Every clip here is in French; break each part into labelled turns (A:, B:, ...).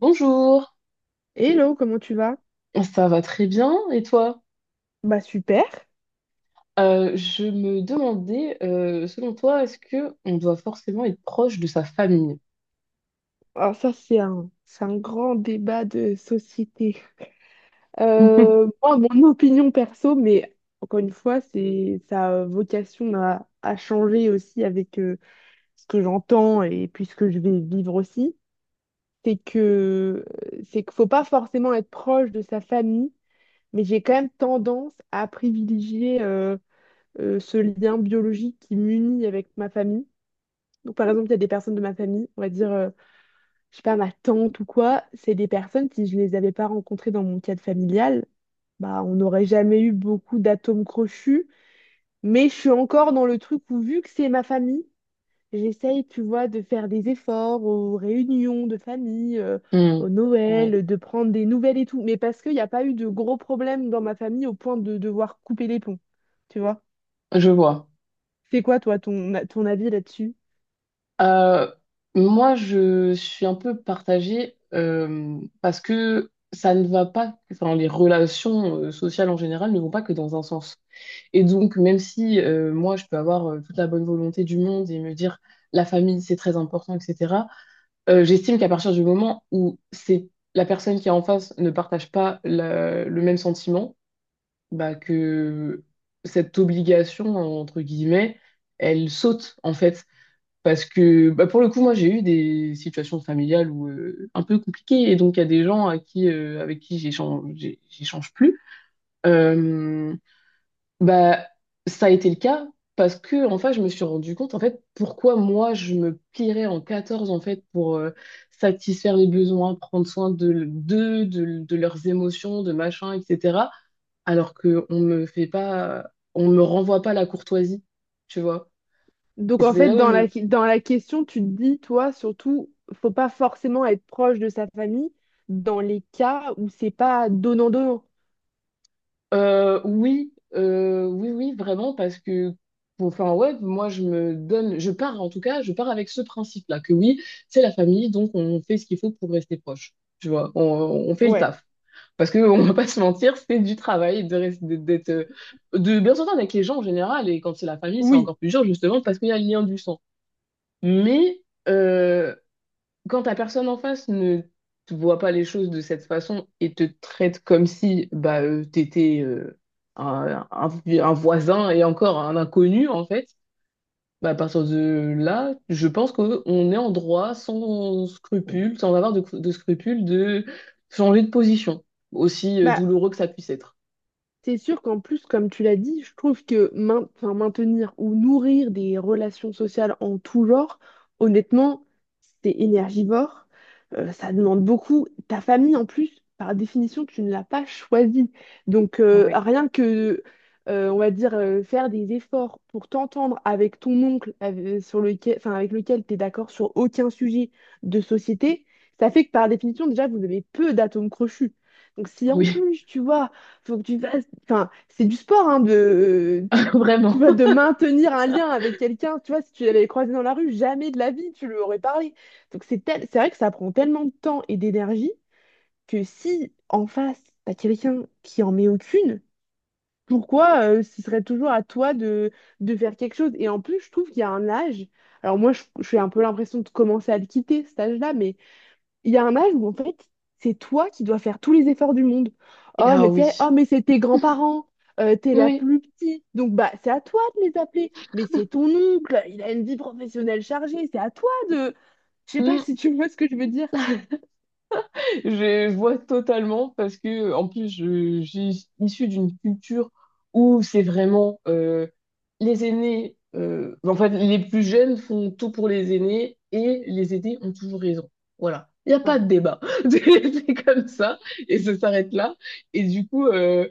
A: Bonjour,
B: Hello, comment tu vas?
A: ça va très bien et toi?
B: Bah super.
A: Je me demandais, selon toi, est-ce que on doit forcément être proche de sa famille?
B: Alors c'est un grand débat de société. Moi, mon opinion perso, mais encore une fois, c'est sa vocation à changer aussi avec ce que j'entends et puis ce que je vais vivre aussi. C'est que c'est qu'il faut pas forcément être proche de sa famille, mais j'ai quand même tendance à privilégier ce lien biologique qui m'unit avec ma famille. Donc par exemple, il y a des personnes de ma famille, on va dire. Je sais pas, ma tante ou quoi, c'est des personnes, si je les avais pas rencontrées dans mon cadre familial, bah, on n'aurait jamais eu beaucoup d'atomes crochus. Mais je suis encore dans le truc où, vu que c'est ma famille, j'essaye, tu vois, de faire des efforts aux réunions de famille,
A: Hmm,
B: au
A: ouais,
B: Noël, de prendre des nouvelles et tout. Mais parce qu'il n'y a pas eu de gros problèmes dans ma famille au point de devoir couper les ponts, tu vois.
A: je vois.
B: C'est quoi, toi, ton avis là-dessus?
A: Euh, Moi, je suis un peu partagée parce que ça ne va pas, enfin, les relations sociales en général ne vont pas que dans un sens. Et donc, même si moi, je peux avoir toute la bonne volonté du monde et me dire la famille, c'est très important, etc. J'estime qu'à partir du moment où c'est la personne qui est en face ne partage pas le même sentiment, bah que cette obligation, entre guillemets, elle saute en fait. Parce que bah, pour le coup, moi j'ai eu des situations familiales où, un peu compliquées et donc il y a des gens à qui, avec qui j'échange plus. Euh, bah, ça a été le cas parce que en fait, je me suis rendu compte en fait pourquoi moi je me plierais en 14 en fait pour satisfaire les besoins, prendre soin de d'eux, de leurs émotions, de machin, etc. Alors que on me fait pas, on me renvoie pas la courtoisie, tu vois. Et
B: Donc en
A: c'est
B: fait,
A: là où
B: dans
A: je.
B: dans la question, tu te dis, toi, surtout, faut pas forcément être proche de sa famille dans les cas où c'est pas donnant-donnant.
A: Oui, oui, oui, vraiment, parce que, bon, enfin, ouais, moi, je me donne, en tout cas, je pars avec ce principe-là, que oui, c'est la famille, donc on fait ce qu'il faut pour rester proche, tu vois, on fait le
B: Ouais.
A: taf. Parce que, on va pas se mentir, c'est du travail d'être, de bien s'entendre avec les gens en général, et quand c'est la famille, c'est
B: Oui.
A: encore plus dur, justement, parce qu'il y a le lien du sang. Mais, euh, quand la personne en face ne te voit pas les choses de cette façon et te traite comme si bah, t'étais un voisin et encore un inconnu, en fait, bah, à partir de là, je pense qu'on est en droit sans scrupule, sans avoir de scrupule, de changer de position, aussi
B: Bah,
A: douloureux que ça puisse être.
B: c'est sûr qu'en plus, comme tu l'as dit, je trouve que enfin, maintenir ou nourrir des relations sociales en tout genre, honnêtement, c'est énergivore, ça demande beaucoup. Ta famille, en plus, par définition, tu ne l'as pas choisie. Donc,
A: Ouais.
B: rien que, on va dire, faire des efforts pour t'entendre avec ton oncle sur lequel, enfin, avec lequel tu es d'accord sur aucun sujet de société, ça fait que par définition, déjà, vous avez peu d'atomes crochus. Donc, si en
A: Oui,
B: plus, tu vois, faut que tu fasses. Enfin, c'est du sport, hein, tu
A: vraiment.
B: vois, de maintenir un lien avec quelqu'un. Tu vois, si tu l'avais croisé dans la rue, jamais de la vie, tu lui aurais parlé. Donc, c'est vrai que ça prend tellement de temps et d'énergie que si en face, t'as quelqu'un qui en met aucune, pourquoi ce serait toujours à toi de faire quelque chose? Et en plus, je trouve qu'il y a un âge. Alors, je fais un peu l'impression de commencer à le quitter, cet âge-là, mais il y a un âge où en fait, c'est toi qui dois faire tous les efforts du monde.
A: Et
B: Oh,
A: ah
B: mais tu sais, oh,
A: oui,
B: mais c'est tes grands-parents, t'es la plus petite, donc bah c'est à toi de les appeler. Mais c'est ton oncle, il a une vie professionnelle chargée, c'est à toi de. Je sais pas
A: oui.
B: si tu vois ce que je veux dire.
A: Je vois totalement parce que en plus je suis d'une culture où c'est vraiment les aînés, en fait les plus jeunes font tout pour les aînés et les aînés ont toujours raison. Voilà, il n'y a pas de débat, c'est c'est comme ça et ça s'arrête là. Et du coup,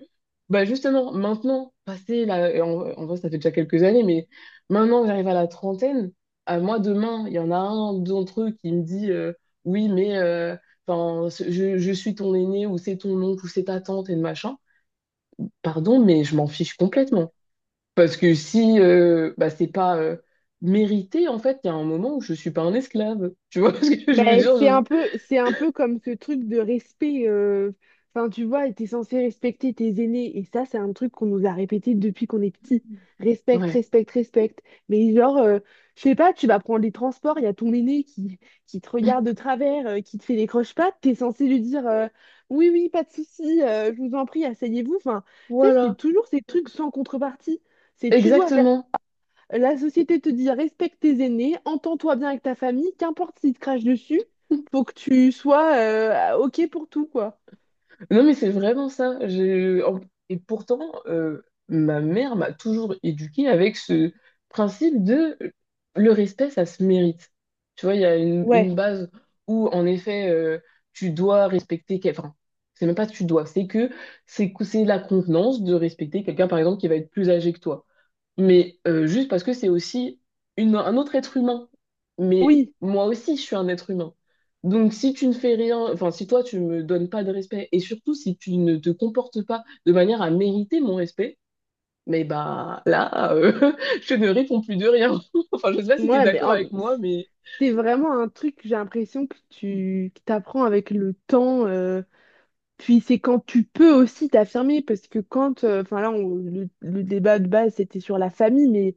A: bah justement maintenant, passé là, en vrai ça fait déjà quelques années, mais maintenant que j'arrive à la trentaine, à moi demain, il y en a un d'entre eux qui me dit oui mais enfin, je suis ton aîné ou c'est ton oncle ou c'est ta tante et le machin. Pardon, mais je m'en fiche complètement. Parce que si bah, c'est pas mérité, en fait, il y a un moment où je suis pas un esclave. Tu vois ce que je veux
B: Mais
A: dire?
B: c'est un peu comme ce truc de respect. Enfin, tu vois, t'es censé respecter tes aînés. Et ça, c'est un truc qu'on nous a répété depuis qu'on est petit. Respecte,
A: Ouais.
B: respecte, respecte. Mais genre, je sais pas, tu vas prendre les transports, il y a ton aîné qui te regarde de travers, qui te fait des croche-pattes, t'es censé lui dire oui, oui, pas de souci, je vous en prie, asseyez-vous. Enfin, tu sais, c'est
A: Voilà.
B: toujours ces trucs sans contrepartie. C'est tu dois faire
A: Exactement.
B: la société te dit respecte tes aînés, entends-toi bien avec ta famille, qu'importe s'ils te crachent dessus, faut que tu sois OK pour tout, quoi.
A: Non, mais c'est vraiment ça. Et pourtant, euh, ma mère m'a toujours éduquée avec ce principe de le respect, ça se mérite. Tu vois, il y a une
B: Ouais.
A: base où, en effet, tu dois respecter quelqu'un. Enfin, c'est même pas tu dois, c'est la contenance de respecter quelqu'un, par exemple, qui va être plus âgé que toi mais juste parce que c'est aussi un autre être humain. Mais
B: Oui,
A: moi aussi, je suis un être humain. Donc si tu ne fais rien, enfin si toi tu me donnes pas de respect et surtout si tu ne te comportes pas de manière à mériter mon respect, mais bah là, je ne réponds plus de rien. Enfin, je sais pas si tu es
B: ouais,
A: d'accord avec moi, mais.
B: c'est vraiment un truc, j'ai l'impression que tu que t'apprends avec le temps. Puis c'est quand tu peux aussi t'affirmer, parce que quand, enfin là, le débat de base, c'était sur la famille,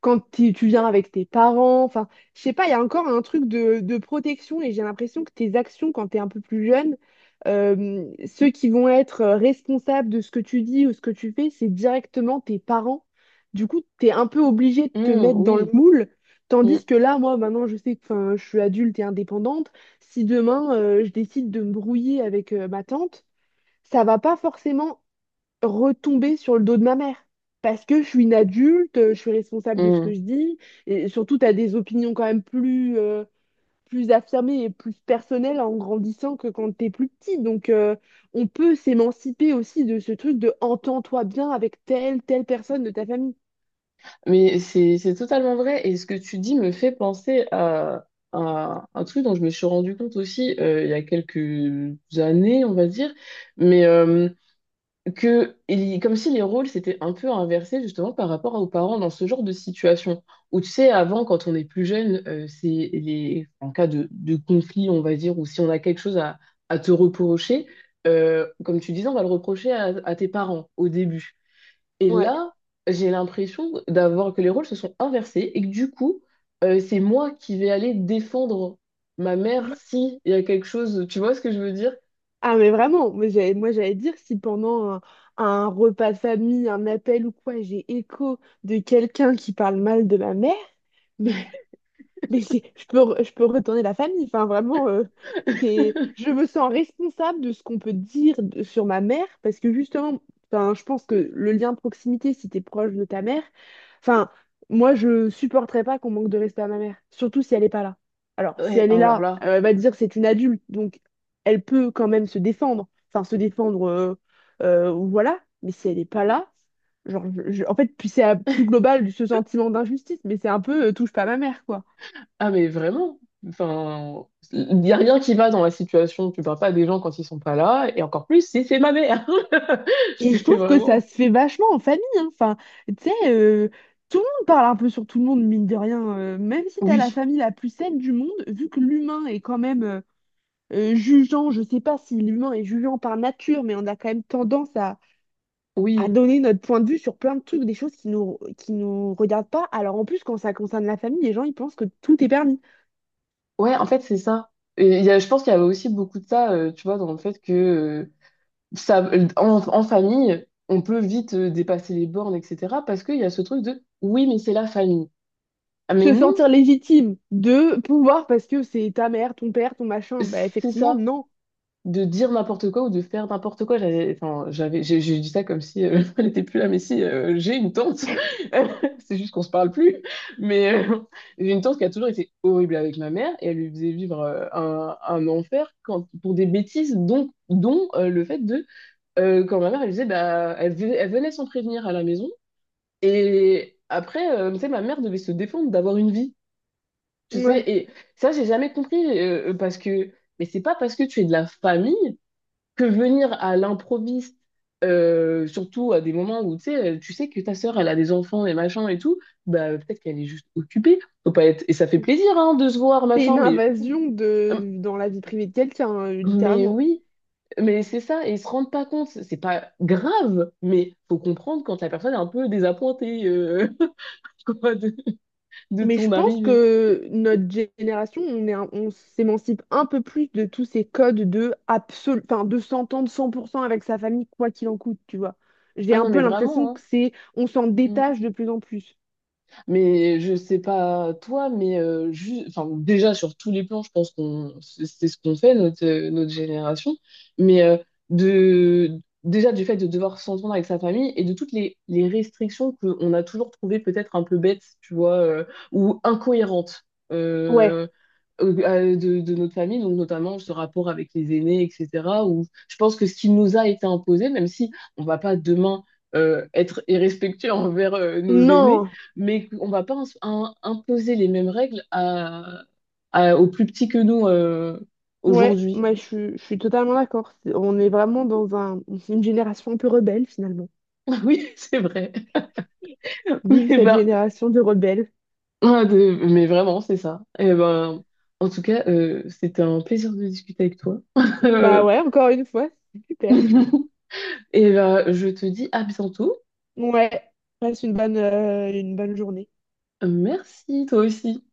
B: tu viens avec tes parents. Enfin, je sais pas, il y a encore un truc de protection et j'ai l'impression que tes actions quand t'es un peu plus jeune, ceux qui vont être responsables de ce que tu dis ou ce que tu fais, c'est directement tes parents. Du coup, t'es un peu obligé de te
A: Hmm,
B: mettre dans le
A: oui.
B: moule.
A: Hmm,
B: Tandis que là, moi, maintenant, je sais que 'fin, je suis adulte et indépendante. Si demain, je décide de me brouiller avec ma tante, ça va pas forcément retomber sur le dos de ma mère. Parce que je suis une adulte, je suis responsable de ce que
A: hmm.
B: je dis, et surtout, tu as des opinions quand même plus, plus affirmées et plus personnelles en grandissant que quand t'es plus petit. Donc, on peut s'émanciper aussi de ce truc de entends-toi bien avec telle personne de ta famille.
A: Mais c'est totalement vrai. Et ce que tu dis me fait penser à un truc dont je me suis rendu compte aussi il y a quelques années, on va dire, mais comme si les rôles s'étaient un peu inversés justement par rapport aux parents dans ce genre de situation. Où tu sais, avant, quand on est plus jeune, c'est les en cas de conflit, on va dire, ou si on a quelque chose à te reprocher, comme tu disais, on va le reprocher à tes parents au début. Et
B: Ouais.
A: là, j'ai l'impression d'avoir que les rôles se sont inversés et que du coup, c'est moi qui vais aller défendre ma mère si il y a quelque chose. Tu vois ce que je veux dire?
B: Ah mais vraiment, moi, j'allais dire si pendant un repas de famille, un appel ou quoi, j'ai écho de quelqu'un qui parle mal de ma mère, mais Mais c'est, je peux retourner la famille. Enfin, vraiment, c'est, je me sens responsable de ce qu'on peut dire sur ma mère parce que justement, enfin, je pense que le lien de proximité, si t'es proche de ta mère, enfin, moi, je supporterais pas qu'on manque de respect à ma mère, surtout si elle est pas là. Alors, si
A: Ouais,
B: elle est
A: alors
B: là,
A: là.
B: elle va te dire c'est une adulte, donc elle peut quand même se défendre. Enfin, se défendre, voilà. Mais si elle est pas là, genre, en fait, puis c'est plus global ce sentiment d'injustice, mais c'est un peu touche pas à ma mère, quoi.
A: Ah mais vraiment, enfin, il n'y a rien qui va dans la situation. Tu parles pas des gens quand ils sont pas là, et encore plus si c'est ma mère.
B: Et je
A: C'est
B: trouve que ça
A: vraiment.
B: se fait vachement en famille, hein. Enfin, tu sais, tout le monde parle un peu sur tout le monde, mine de rien. Même si t'as la
A: Oui,
B: famille la plus saine du monde, vu que l'humain est quand même jugeant, je sais pas si l'humain est jugeant par nature, mais on a quand même tendance à
A: oui,
B: donner notre point de vue sur plein de trucs, des choses qui nous regardent pas. Alors en plus, quand ça concerne la famille, les gens, ils pensent que tout est permis.
A: ouais. En fait, c'est ça. Et il y a, je pense qu'il y avait aussi beaucoup de ça, tu vois, dans le fait que ça, en famille, on peut vite dépasser les bornes, etc. Parce qu'il y a ce truc de oui, mais c'est la famille. Ah, mais
B: Se
A: non,
B: sentir légitime de pouvoir, parce que c'est ta mère, ton père, ton machin, bah
A: c'est
B: effectivement,
A: ça,
B: non.
A: de dire n'importe quoi ou de faire n'importe quoi. Enfin, j'ai dit ça comme si elle n'était plus là, mais si, j'ai une tante. C'est juste qu'on se parle plus. Mais j'ai une tante qui a toujours été horrible avec ma mère et elle lui faisait vivre un enfer quand, pour des bêtises, dont le fait de. Quand ma mère, elle disait, bah, elle venait sans prévenir à la maison. Et après, tu sais, ma mère devait se défendre d'avoir une vie, tu sais. Et ça, j'ai jamais compris parce que, mais c'est pas parce que tu es de la famille que venir à l'improviste, surtout à des moments où tu sais que ta sœur, elle a des enfants et machin et tout, bah peut-être qu'elle est juste occupée. Faut pas être. Et ça fait plaisir, hein, de se voir,
B: C'est
A: machin,
B: une invasion
A: euh,
B: dans la vie privée de quelqu'un,
A: mais
B: littéralement.
A: oui. Mais c'est ça, et ils se rendent pas compte, c'est pas grave, mais faut comprendre quand la personne est un peu désappointée quoi, de
B: Mais je
A: ton
B: pense
A: arrivée.
B: que notre génération, on s'émancipe un peu plus de tous ces codes de absolu, enfin, de s'entendre 100% avec sa famille, quoi qu'il en coûte, tu vois. J'ai
A: Ah
B: un
A: non,
B: peu
A: mais
B: l'impression
A: vraiment,
B: que
A: hein.
B: c'est, on s'en
A: Mm.
B: détache de plus en plus.
A: Mais je sais pas toi, mais enfin, déjà sur tous les plans, je pense qu'on c'est ce qu'on fait, notre, notre génération. Mais de déjà du fait de devoir s'entendre avec sa famille et de toutes les restrictions qu'on a toujours trouvées peut-être un peu bêtes, tu vois, ou incohérentes
B: Ouais.
A: euh, de notre famille, donc notamment ce rapport avec les aînés, etc. Où je pense que ce qui nous a été imposé, même si on va pas demain être irrespectueux envers nos aînés,
B: Non.
A: mais on va pas imposer les mêmes règles aux plus petits que nous
B: Ouais.
A: aujourd'hui.
B: Moi, je suis totalement d'accord. On est vraiment dans un, une génération un peu rebelle, finalement.
A: Oui, c'est vrai.
B: Vive
A: Eh
B: cette
A: ben,
B: génération de rebelles.
A: ah, mais vraiment, c'est ça. Eh ben, en tout cas, c'était un plaisir de discuter avec toi.
B: Bah
A: Euh,
B: ouais, encore une fois, c'est super.
A: Et ben, je te dis à bientôt.
B: Ouais, passe une bonne journée.
A: Merci, toi aussi.